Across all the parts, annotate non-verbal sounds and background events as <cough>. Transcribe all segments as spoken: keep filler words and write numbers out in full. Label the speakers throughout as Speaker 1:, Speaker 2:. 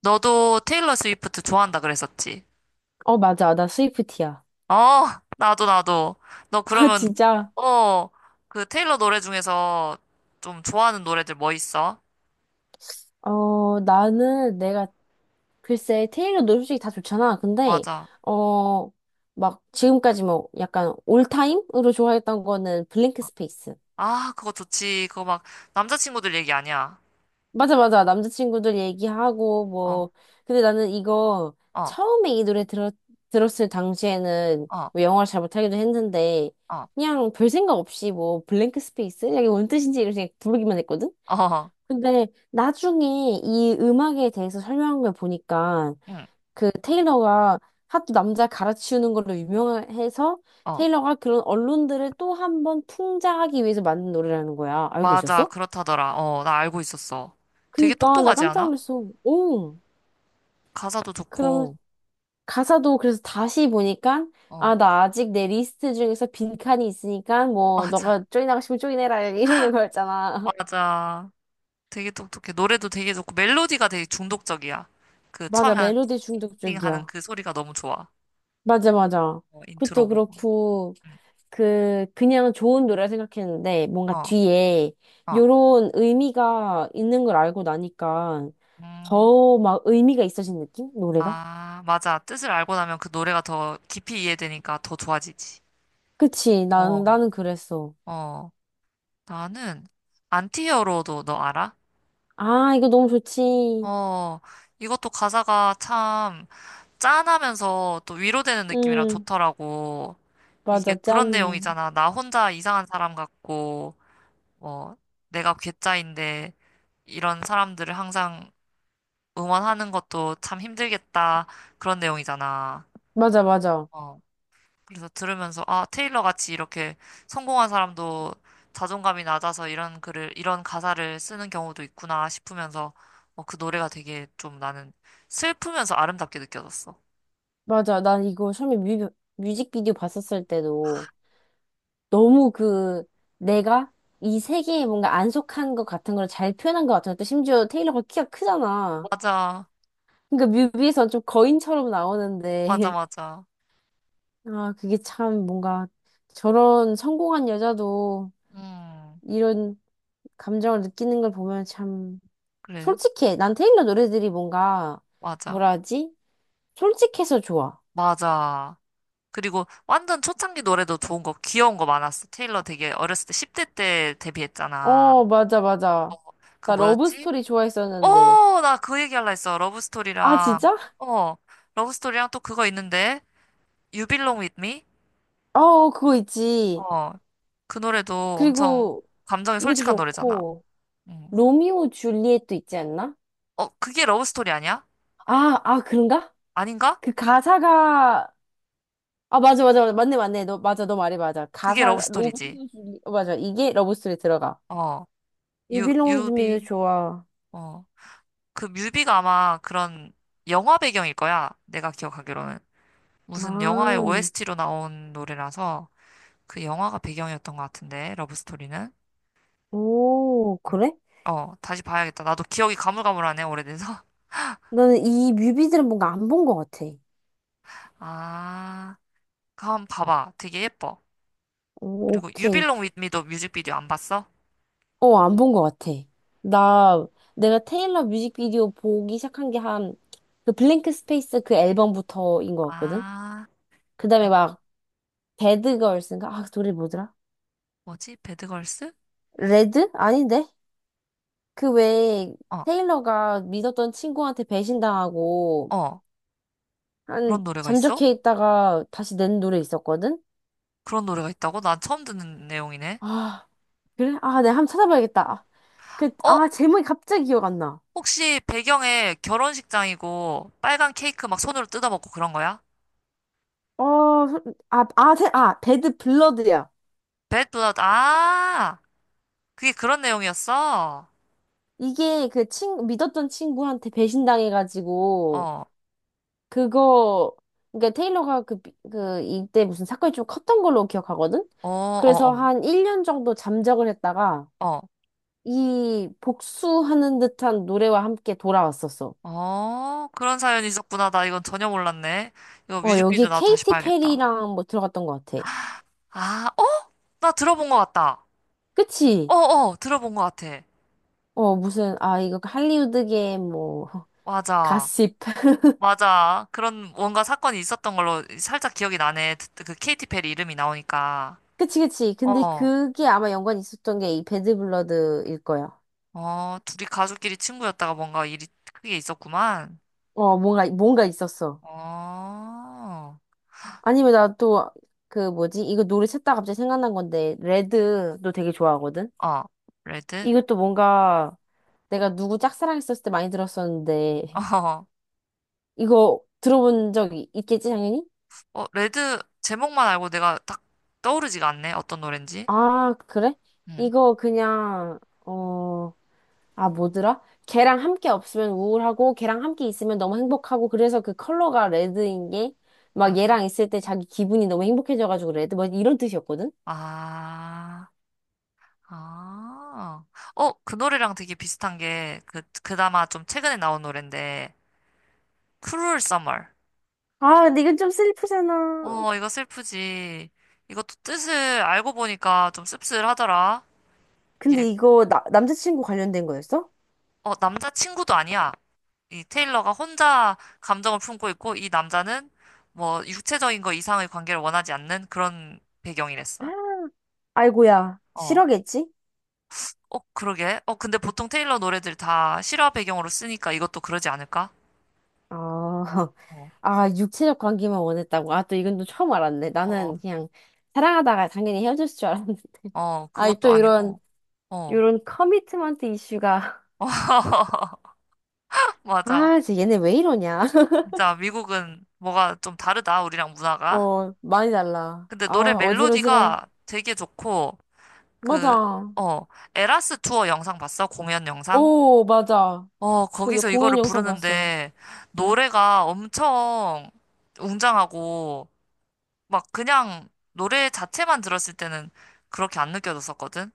Speaker 1: 너도 테일러 스위프트 좋아한다 그랬었지?
Speaker 2: 어, 맞아. 나 스위프티야.
Speaker 1: 어, 나도, 나도. 너
Speaker 2: <laughs>
Speaker 1: 그러면,
Speaker 2: 진짜.
Speaker 1: 어, 그 테일러 노래 중에서 좀 좋아하는 노래들 뭐 있어?
Speaker 2: 어, 나는 내가 글쎄 테일러도 솔직히 다 좋잖아. 근데
Speaker 1: 맞아.
Speaker 2: 어, 막 지금까지 뭐 약간 올타임으로 좋아했던 거는 블랭크 스페이스.
Speaker 1: 아, 그거 좋지. 그거 막 남자친구들 얘기 아니야.
Speaker 2: 맞아, 맞아. 남자친구들 얘기하고
Speaker 1: 어,
Speaker 2: 뭐. 근데 나는 이거
Speaker 1: 어,
Speaker 2: 처음에 이 노래 들었, 들었을 당시에는
Speaker 1: 어,
Speaker 2: 뭐 영어를 잘 못하기도 했는데
Speaker 1: 어,
Speaker 2: 그냥 별 생각 없이 뭐 블랭크 스페이스? 이게 뭔 뜻인지 이렇게 부르기만 했거든?
Speaker 1: 어, 어.
Speaker 2: 근데 나중에 이 음악에 대해서 설명한 걸 보니까
Speaker 1: 응,
Speaker 2: 그 테일러가 하도 남자 갈아치우는 걸로 유명해서
Speaker 1: 어.
Speaker 2: 테일러가 그런 언론들을 또 한번 풍자하기 위해서 만든 노래라는 거야. 알고
Speaker 1: 맞아.
Speaker 2: 있었어?
Speaker 1: 그렇다더라. 어, 나 알고 있었어. 되게
Speaker 2: 그니까 나
Speaker 1: 똑똑하지
Speaker 2: 깜짝
Speaker 1: 않아?
Speaker 2: 놀랐어. 오.
Speaker 1: 가사도
Speaker 2: 그럼
Speaker 1: 좋고,
Speaker 2: 가사도 그래서 다시 보니까
Speaker 1: 어,
Speaker 2: 아, 나 아직 내 리스트 중에서 빈칸이 있으니까 뭐
Speaker 1: 맞아.
Speaker 2: 너가 쪼이나가 싶으면 쪼이내라 이러는 거였잖아. <laughs>
Speaker 1: 맞아. 되게 똑똑해. 노래도 되게 좋고, 멜로디가 되게 중독적이야. 그
Speaker 2: 맞아.
Speaker 1: 처음에
Speaker 2: 멜로디
Speaker 1: 하는
Speaker 2: 중독적이야.
Speaker 1: 그 소리가 너무 좋아.
Speaker 2: 맞아, 맞아.
Speaker 1: 어, 인트로
Speaker 2: 그것도
Speaker 1: 부분.
Speaker 2: 그렇고
Speaker 1: 음,
Speaker 2: 그, 그냥 좋은 노래 생각했는데, 뭔가
Speaker 1: 어,
Speaker 2: 뒤에
Speaker 1: 어.
Speaker 2: 요런 의미가 있는 걸 알고 나니까
Speaker 1: 음,
Speaker 2: 더 막 의미가 있어진 느낌? 노래가?
Speaker 1: 아, 맞아. 뜻을 알고 나면 그 노래가 더 깊이 이해되니까 더 좋아지지.
Speaker 2: 그치,
Speaker 1: 어,
Speaker 2: 난, 나는 그랬어.
Speaker 1: 어. 나는 안티히어로도 너 알아?
Speaker 2: 아, 이거 너무 좋지.
Speaker 1: 어, 이것도 가사가 참 짠하면서 또 위로되는 느낌이라
Speaker 2: 음,
Speaker 1: 좋더라고. 이게
Speaker 2: 맞아,
Speaker 1: 그런
Speaker 2: 짠해.
Speaker 1: 내용이잖아. 나 혼자 이상한 사람 같고, 뭐, 내가 괴짜인데, 이런 사람들을 항상 응원하는 것도 참 힘들겠다. 그런 내용이잖아.
Speaker 2: 맞아, 맞아.
Speaker 1: 어. 그래서 들으면서, 아, 테일러 같이 이렇게 성공한 사람도 자존감이 낮아서 이런 글을, 이런 가사를 쓰는 경우도 있구나 싶으면서, 어, 그 노래가 되게 좀 나는 슬프면서 아름답게 느껴졌어.
Speaker 2: 맞아, 난 이거 처음에 뮤, 뮤직비디오 봤었을 때도 너무 그, 내가 이 세계에 뭔가 안 속한 것 같은 걸 잘 표현한 것 같은 것도 심지어 테일러가 키가 크잖아.
Speaker 1: 맞아.
Speaker 2: 그러니까 뮤비에서 좀 거인처럼
Speaker 1: 맞아,
Speaker 2: 나오는데
Speaker 1: 맞아.
Speaker 2: <laughs> 아 그게 참 뭔가 저런 성공한 여자도
Speaker 1: 음,
Speaker 2: 이런 감정을 느끼는 걸 보면 참
Speaker 1: 그래.
Speaker 2: 솔직해. 난 테일러 노래들이 뭔가
Speaker 1: 맞아.
Speaker 2: 뭐라 하지? 솔직해서 좋아.
Speaker 1: 맞아. 그리고 완전 초창기 노래도 좋은 거, 귀여운 거 많았어. 테일러 되게 어렸을 때, 십 대 때 데뷔했잖아.
Speaker 2: 어 맞아 맞아.
Speaker 1: 그
Speaker 2: 나 러브
Speaker 1: 뭐였지?
Speaker 2: 스토리 좋아했었는데
Speaker 1: 어, 나 그 얘기할라 했어.
Speaker 2: 아
Speaker 1: 러브스토리랑,
Speaker 2: 진짜?
Speaker 1: 어, 러브스토리랑 또 그거 있는데, You Belong With Me?
Speaker 2: 어 어, 그거 있지.
Speaker 1: 어, 그 노래도 엄청
Speaker 2: 그리고
Speaker 1: 감정이
Speaker 2: 이것도
Speaker 1: 솔직한 노래잖아.
Speaker 2: 좋고
Speaker 1: 음.
Speaker 2: 로미오 줄리엣도 있지 않나?
Speaker 1: 어, 그게 러브스토리 아니야?
Speaker 2: 아 아 그런가?
Speaker 1: 아닌가?
Speaker 2: 그 가사가 아, 맞아, 맞아, 맞아. 맞네, 맞네. 너, 맞아, 너 말이 맞아.
Speaker 1: 그게
Speaker 2: 가사, 로봇,
Speaker 1: 러브스토리지.
Speaker 2: 줄리- 어, 맞아. 이게 러브스토리 들어가.
Speaker 1: 어,
Speaker 2: You
Speaker 1: 유,
Speaker 2: belong with me도
Speaker 1: 유비,
Speaker 2: 좋아.
Speaker 1: 어, 그 뮤비가 아마 그런 영화 배경일 거야. 내가 기억하기로는. 무슨 영화의
Speaker 2: 아,
Speaker 1: 오에스티로 나온 노래라서 그 영화가 배경이었던 것 같은데, 러브스토리는.
Speaker 2: 오, 그래?
Speaker 1: 어, 다시 봐야겠다. 나도 기억이 가물가물하네, 오래돼서.
Speaker 2: 나는 이 뮤비들은 뭔가 안 본 것 같아.
Speaker 1: <laughs> 아, 그럼 봐봐. 되게 예뻐.
Speaker 2: 오,
Speaker 1: 그리고 유빌
Speaker 2: 오케이.
Speaker 1: u b 미 l o n With Me도 뮤직비디오 안 봤어?
Speaker 2: 어, 안 본 것 같아. 나, 내가 테일러 뮤직비디오 보기 시작한 게 한, 그 블랭크 스페이스 그 앨범부터인 것 같거든?
Speaker 1: 아,
Speaker 2: 그
Speaker 1: 아,
Speaker 2: 다음에 막, 배드걸스인가? 아, 그 노래 뭐더라?
Speaker 1: 뭐지? 배드걸스?
Speaker 2: 레드? 아닌데? 그 외에
Speaker 1: 어,
Speaker 2: 테일러가 믿었던 친구한테 배신당하고
Speaker 1: 어.
Speaker 2: 한
Speaker 1: 그런 노래가 있어?
Speaker 2: 잠적해 있다가 다시 낸 노래 있었거든?
Speaker 1: 그런 노래가 있다고? 난 처음 듣는 내용이네.
Speaker 2: 아, 그래? 아, 내가 한번 찾아봐야겠다. 아, 그,
Speaker 1: 어,
Speaker 2: 아, 제목이 갑자기 기억 안 나.
Speaker 1: 혹시 배경에 결혼식장이고 빨간 케이크 막 손으로 뜯어먹고 그런 거야?
Speaker 2: 어, 소- 아, 아, 세- 아, 배드 블러드야.
Speaker 1: 배드 d 러드 아, 그게 그런 내용이었어?
Speaker 2: 이게 그 친, 믿었던 친구한테
Speaker 1: 어,
Speaker 2: 배신당해가지고,
Speaker 1: 어,
Speaker 2: 그거, 그러니까 테일러가 그, 비- 그, 이때 무슨 사건이 좀 컸던 걸로 기억하거든?
Speaker 1: 어,
Speaker 2: 그래서
Speaker 1: 어,
Speaker 2: 한 일 년 정도 잠적을 했다가,
Speaker 1: 어.
Speaker 2: 이 복수하는 듯한 노래와 함께 돌아왔었어.
Speaker 1: 어, 그런 사연이 있었구나. 나 이건 전혀 몰랐네. 이거
Speaker 2: 어, 여기
Speaker 1: 뮤직비디오 나도 다시
Speaker 2: 케이티
Speaker 1: 봐야겠다.
Speaker 2: 페리랑 뭐 들어갔던 것 같아.
Speaker 1: 아, 어? 나 들어본 것 같다. 어,
Speaker 2: 그치?
Speaker 1: 어, 들어본 것 같아.
Speaker 2: 어, 무슨, 아, 이거 할리우드계 뭐,
Speaker 1: 맞아.
Speaker 2: 가십. <laughs>
Speaker 1: 맞아. 그런 뭔가 사건이 있었던 걸로 살짝 기억이 나네. 그, 그 케이티 페리 이름이 나오니까.
Speaker 2: 그치, 그치. 근데
Speaker 1: 어,
Speaker 2: 그게 아마 연관이 있었던 게 이 배드 블러드일 거야.
Speaker 1: 어, 둘이 가족끼리 친구였다가 뭔가 일이 크게 있었구만.
Speaker 2: 어, 뭔가, 뭔가 있었어.
Speaker 1: 어,
Speaker 2: 아니면 나 또, 그 뭐지? 이거 노래 찾다 갑자기 생각난 건데, 레드도 되게 좋아하거든?
Speaker 1: 어, 레드?
Speaker 2: 이것도 뭔가 내가 누구 짝사랑했었을 때 많이 들었었는데,
Speaker 1: <laughs>
Speaker 2: 이거 들어본 적이 있겠지, 당연히?
Speaker 1: 어, 어, 레드 제목만 알고 내가 딱 떠오르지가 않네. 어떤 노랜지?
Speaker 2: 아, 그래?
Speaker 1: 음.
Speaker 2: 이거 그냥, 어, 아, 뭐더라? 걔랑 함께 없으면 우울하고, 걔랑 함께 있으면 너무 행복하고, 그래서 그 컬러가 레드인 게, 막 얘랑 있을 때 자기 기분이 너무 행복해져가지고 레드, 뭐 이런 뜻이었거든?
Speaker 1: 아, 아. 어, 그 노래랑 되게 비슷한 게, 그, 그나마 좀 최근에 나온 노랜데, Cruel Summer.
Speaker 2: 아, 근데 이건 좀 슬프잖아.
Speaker 1: 어, 이거 슬프지. 이것도 뜻을 알고 보니까 좀 씁쓸하더라. 이게,
Speaker 2: 근데 이거 나, 남자친구 관련된 거였어?
Speaker 1: 어, 남자친구도 아니야. 이 테일러가 혼자 감정을 품고 있고, 이 남자는 뭐, 육체적인 거 이상의 관계를 원하지 않는 그런
Speaker 2: 아,
Speaker 1: 배경이랬어.
Speaker 2: 아이고야,
Speaker 1: 어.
Speaker 2: 싫어겠지?
Speaker 1: 어, 그러게. 어, 근데 보통 테일러 노래들 다 실화 배경으로 쓰니까 이것도 그러지 않을까?
Speaker 2: 아, <laughs>
Speaker 1: 어,
Speaker 2: 아, 육체적 관계만 원했다고. 아, 또 이건 또 처음 알았네.
Speaker 1: 어,
Speaker 2: 나는 그냥 사랑하다가 당연히 헤어질 줄 알았는데. <laughs>
Speaker 1: 어,
Speaker 2: 아,
Speaker 1: 그것도
Speaker 2: 또 이런,
Speaker 1: 아니고, 어.
Speaker 2: 이런 커미트먼트 이슈가.
Speaker 1: <laughs>
Speaker 2: <laughs>
Speaker 1: 맞아.
Speaker 2: 아, 진짜 얘네 왜 이러냐.
Speaker 1: 진짜 미국은 뭐가 좀 다르다, 우리랑
Speaker 2: <laughs>
Speaker 1: 문화가.
Speaker 2: 어, 많이 달라.
Speaker 1: 근데 노래
Speaker 2: 아, 어질어질해.
Speaker 1: 멜로디가 되게 좋고, 그,
Speaker 2: 맞아.
Speaker 1: 어, 에라스 투어 영상 봤어? 공연 영상?
Speaker 2: 오, 맞아.
Speaker 1: 어,
Speaker 2: 그 여-
Speaker 1: 거기서
Speaker 2: 공연
Speaker 1: 이거를
Speaker 2: 영상 봤어.
Speaker 1: 부르는데, 노래가 엄청 웅장하고, 막 그냥 노래 자체만 들었을 때는 그렇게 안 느껴졌었거든?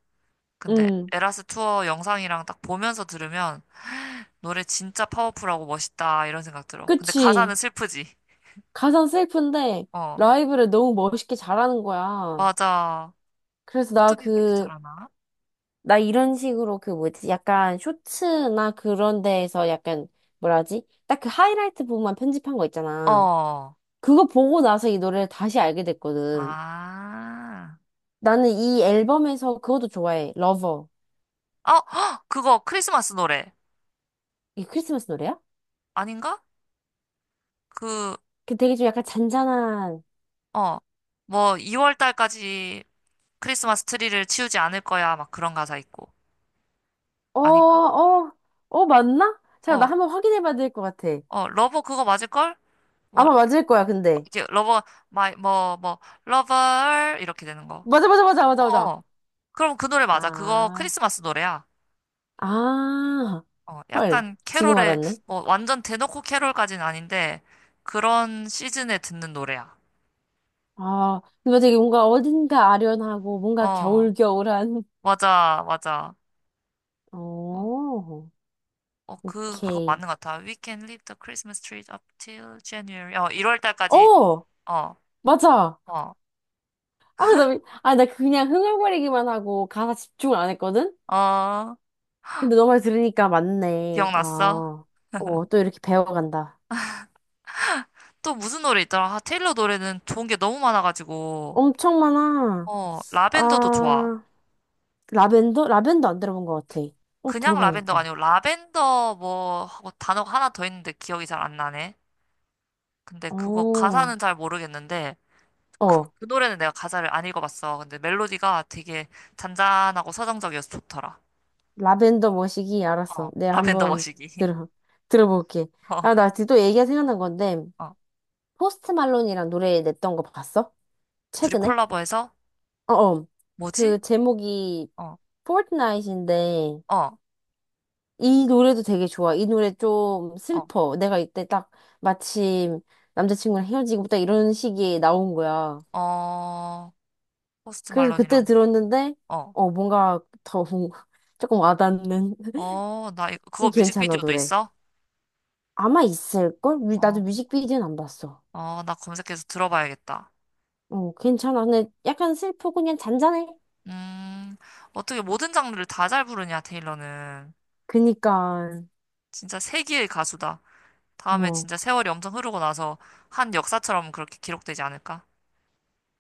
Speaker 1: 근데
Speaker 2: 응,
Speaker 1: 에라스 투어 영상이랑 딱 보면서 들으면, 노래 진짜 파워풀하고 멋있다 이런 생각 들어. 근데 가사는
Speaker 2: 그치.
Speaker 1: 슬프지.
Speaker 2: 가상 셀프인데
Speaker 1: 어,
Speaker 2: 라이브를 너무 멋있게 잘하는 거야.
Speaker 1: 맞아.
Speaker 2: 그래서 나
Speaker 1: 어떻게 그렇게
Speaker 2: 그
Speaker 1: 잘하나?
Speaker 2: 나 이런 식으로 그 뭐지? 약간 쇼츠나 그런 데에서 약간 뭐라지? 딱 그 하이라이트 부분만 편집한 거 있잖아.
Speaker 1: 어,
Speaker 2: 그거 보고 나서 이 노래를 다시 알게 됐거든.
Speaker 1: 아,
Speaker 2: 나는 이 앨범에서 그것도 좋아해. 러버.
Speaker 1: 어, <gasps> 헉! 그거 크리스마스 노래
Speaker 2: 이게 크리스마스 노래야?
Speaker 1: 아닌가? 그,
Speaker 2: 그 되게 좀 약간 잔잔한.
Speaker 1: 어, 뭐 이월 달까지 크리스마스 트리를 치우지 않을 거야 막 그런 가사 있고
Speaker 2: 어,
Speaker 1: 아닌가?
Speaker 2: 어, 어, 맞나? 자, 나
Speaker 1: 어,
Speaker 2: 한번 확인해 봐야 될 것 같아.
Speaker 1: 어, 러버 그거 맞을 걸? 뭐
Speaker 2: 아마 맞을 거야, 근데.
Speaker 1: 이게 러버 마이 뭐 뭐 러버 이렇게 되는 거.
Speaker 2: 맞아, 맞아, 맞아,
Speaker 1: 어,
Speaker 2: 맞아, 맞아.
Speaker 1: 어. 그럼 그 노래 맞아. 그거
Speaker 2: 아,
Speaker 1: 크리스마스 노래야.
Speaker 2: 아,
Speaker 1: 어,
Speaker 2: 헐.
Speaker 1: 약간
Speaker 2: 지금
Speaker 1: 캐롤의,
Speaker 2: 알았네.
Speaker 1: 뭐, 완전 대놓고 캐롤까지는 아닌데, 그런 시즌에 듣는 노래야.
Speaker 2: 아, 근데 되게 뭔가 어딘가 아련하고 뭔가
Speaker 1: 어,
Speaker 2: 겨울겨울한.
Speaker 1: 맞아, 맞아.
Speaker 2: <laughs>
Speaker 1: 어,
Speaker 2: 오,
Speaker 1: 어, 그, 그거
Speaker 2: 오케이.
Speaker 1: 맞는 것 같아. We can leave the Christmas tree up till January. 어, 일월 달까지,
Speaker 2: 어,
Speaker 1: 어,
Speaker 2: 맞아.
Speaker 1: 어,
Speaker 2: 아, 나, 아, 나 그냥 흥얼거리기만 하고 가사 집중을 안 했거든?
Speaker 1: 어,
Speaker 2: 근데 너 말 들으니까 맞네. 아,
Speaker 1: 기억났어?
Speaker 2: 어, 또 이렇게 배워간다.
Speaker 1: 또 무슨 노래 있더라? 아, 테일러 노래는 좋은 게 너무 많아가지고,
Speaker 2: 엄청 많아.
Speaker 1: 어, 라벤더도 좋아.
Speaker 2: 아, 라벤더? 라벤더 안 들어본 것 같아. 어,
Speaker 1: 그냥 라벤더가
Speaker 2: 들어봐야겠다.
Speaker 1: 아니고, 라벤더 뭐, 하고 단어가 하나 더 있는데 기억이 잘 안 나네. 근데 그거
Speaker 2: 어,
Speaker 1: 가사는 잘 모르겠는데, 그,
Speaker 2: 어.
Speaker 1: 그 노래는 내가 가사를 안 읽어봤어. 근데 멜로디가 되게 잔잔하고 서정적이어서 좋더라.
Speaker 2: 라벤더 머시기
Speaker 1: 어,
Speaker 2: 알았어. 내가
Speaker 1: 라벤더
Speaker 2: 한번
Speaker 1: 머시기. <laughs>
Speaker 2: 들어 들어볼게.
Speaker 1: 어,
Speaker 2: 아, 나 또 얘기가 생각난 건데
Speaker 1: 어.
Speaker 2: 포스트 말론이랑 노래 냈던 거 봤어?
Speaker 1: 둘이
Speaker 2: 최근에?
Speaker 1: 콜라보해서,
Speaker 2: 어, 어.
Speaker 1: 뭐지?
Speaker 2: 그 제목이
Speaker 1: 어,
Speaker 2: 포트나잇인데
Speaker 1: 어,
Speaker 2: 이 노래도 되게 좋아. 이 노래 좀
Speaker 1: 어,
Speaker 2: 슬퍼. 내가 이때 딱 마침 남자친구랑 헤어지고 딱 이런 시기에 나온 거야.
Speaker 1: 어, 포스트
Speaker 2: 그래서 그때
Speaker 1: 말론이랑,
Speaker 2: 들었는데
Speaker 1: 어,
Speaker 2: 어 뭔가 더 뭔가 <laughs> 조금 와닿는 <laughs>
Speaker 1: 어, 나, 이거, 그거
Speaker 2: 이 괜찮아
Speaker 1: 뮤직비디오도
Speaker 2: 노래.
Speaker 1: 있어?
Speaker 2: 아마 있을걸? 뮤-
Speaker 1: 어,
Speaker 2: 나도 뮤직비디오는 안 봤어.
Speaker 1: 어, 나 검색해서 들어봐야겠다.
Speaker 2: 어, 괜찮아. 근데 약간 슬프고 그냥 잔잔해.
Speaker 1: 음, 어떻게 모든 장르를 다 잘 부르냐, 테일러는.
Speaker 2: 그니까,
Speaker 1: 진짜 세기의 가수다. 다음에
Speaker 2: 어.
Speaker 1: 진짜 세월이 엄청 흐르고 나서 한 역사처럼 그렇게 기록되지 않을까?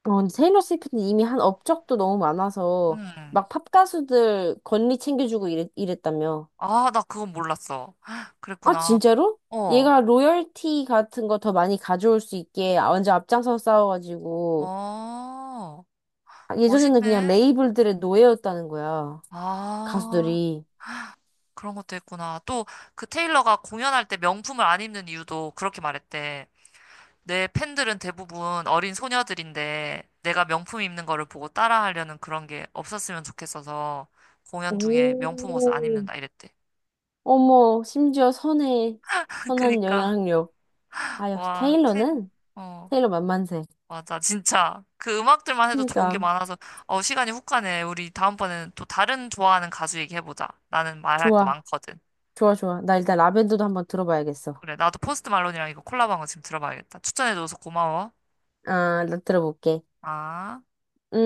Speaker 2: 어, 테일러 스위프트는 이미 한 업적도 너무 많아서
Speaker 1: 음.
Speaker 2: 막 팝 가수들 권리 챙겨주고 이랬, 이랬다며.
Speaker 1: 아, 나 그건 몰랐어. <laughs>
Speaker 2: 아,
Speaker 1: 그랬구나.
Speaker 2: 진짜로?
Speaker 1: 어,
Speaker 2: 얘가 로열티 같은 거 더 많이 가져올 수 있게 완전 앞장서 싸워가지고
Speaker 1: 어,
Speaker 2: 아, 예전에는 그냥
Speaker 1: 멋있네.
Speaker 2: 레이블들의 노예였다는 거야.
Speaker 1: 아,
Speaker 2: 가수들이.
Speaker 1: 그런 것도 했구나. 또, 그 테일러가 공연할 때 명품을 안 입는 이유도 그렇게 말했대. 내 팬들은 대부분 어린 소녀들인데, 내가 명품 입는 거를 보고 따라하려는 그런 게 없었으면 좋겠어서, 공연 중에 명품 옷을 안
Speaker 2: 오.
Speaker 1: 입는다 이랬대.
Speaker 2: 어머, 심지어 선해.
Speaker 1: <laughs>
Speaker 2: 선한
Speaker 1: 그니까,
Speaker 2: 영향력. 아, 역시
Speaker 1: 와, 테일러.
Speaker 2: 테일러는? 테일러 만만세.
Speaker 1: 맞아, 진짜. 그 음악들만 해도 좋은 게
Speaker 2: 그니까.
Speaker 1: 많아서, 어, 시간이 훅 가네. 우리 다음번에는 또 다른 좋아하는 가수 얘기해보자. 나는 말할 거
Speaker 2: 좋아.
Speaker 1: 많거든.
Speaker 2: 좋아, 좋아. 나 일단 라벤더도 한번 들어봐야겠어.
Speaker 1: 그래, 나도 포스트 말론이랑 이거 콜라보한 거 지금 들어봐야겠다. 추천해줘서 고마워.
Speaker 2: 아, 나 들어볼게.
Speaker 1: 아.
Speaker 2: 응?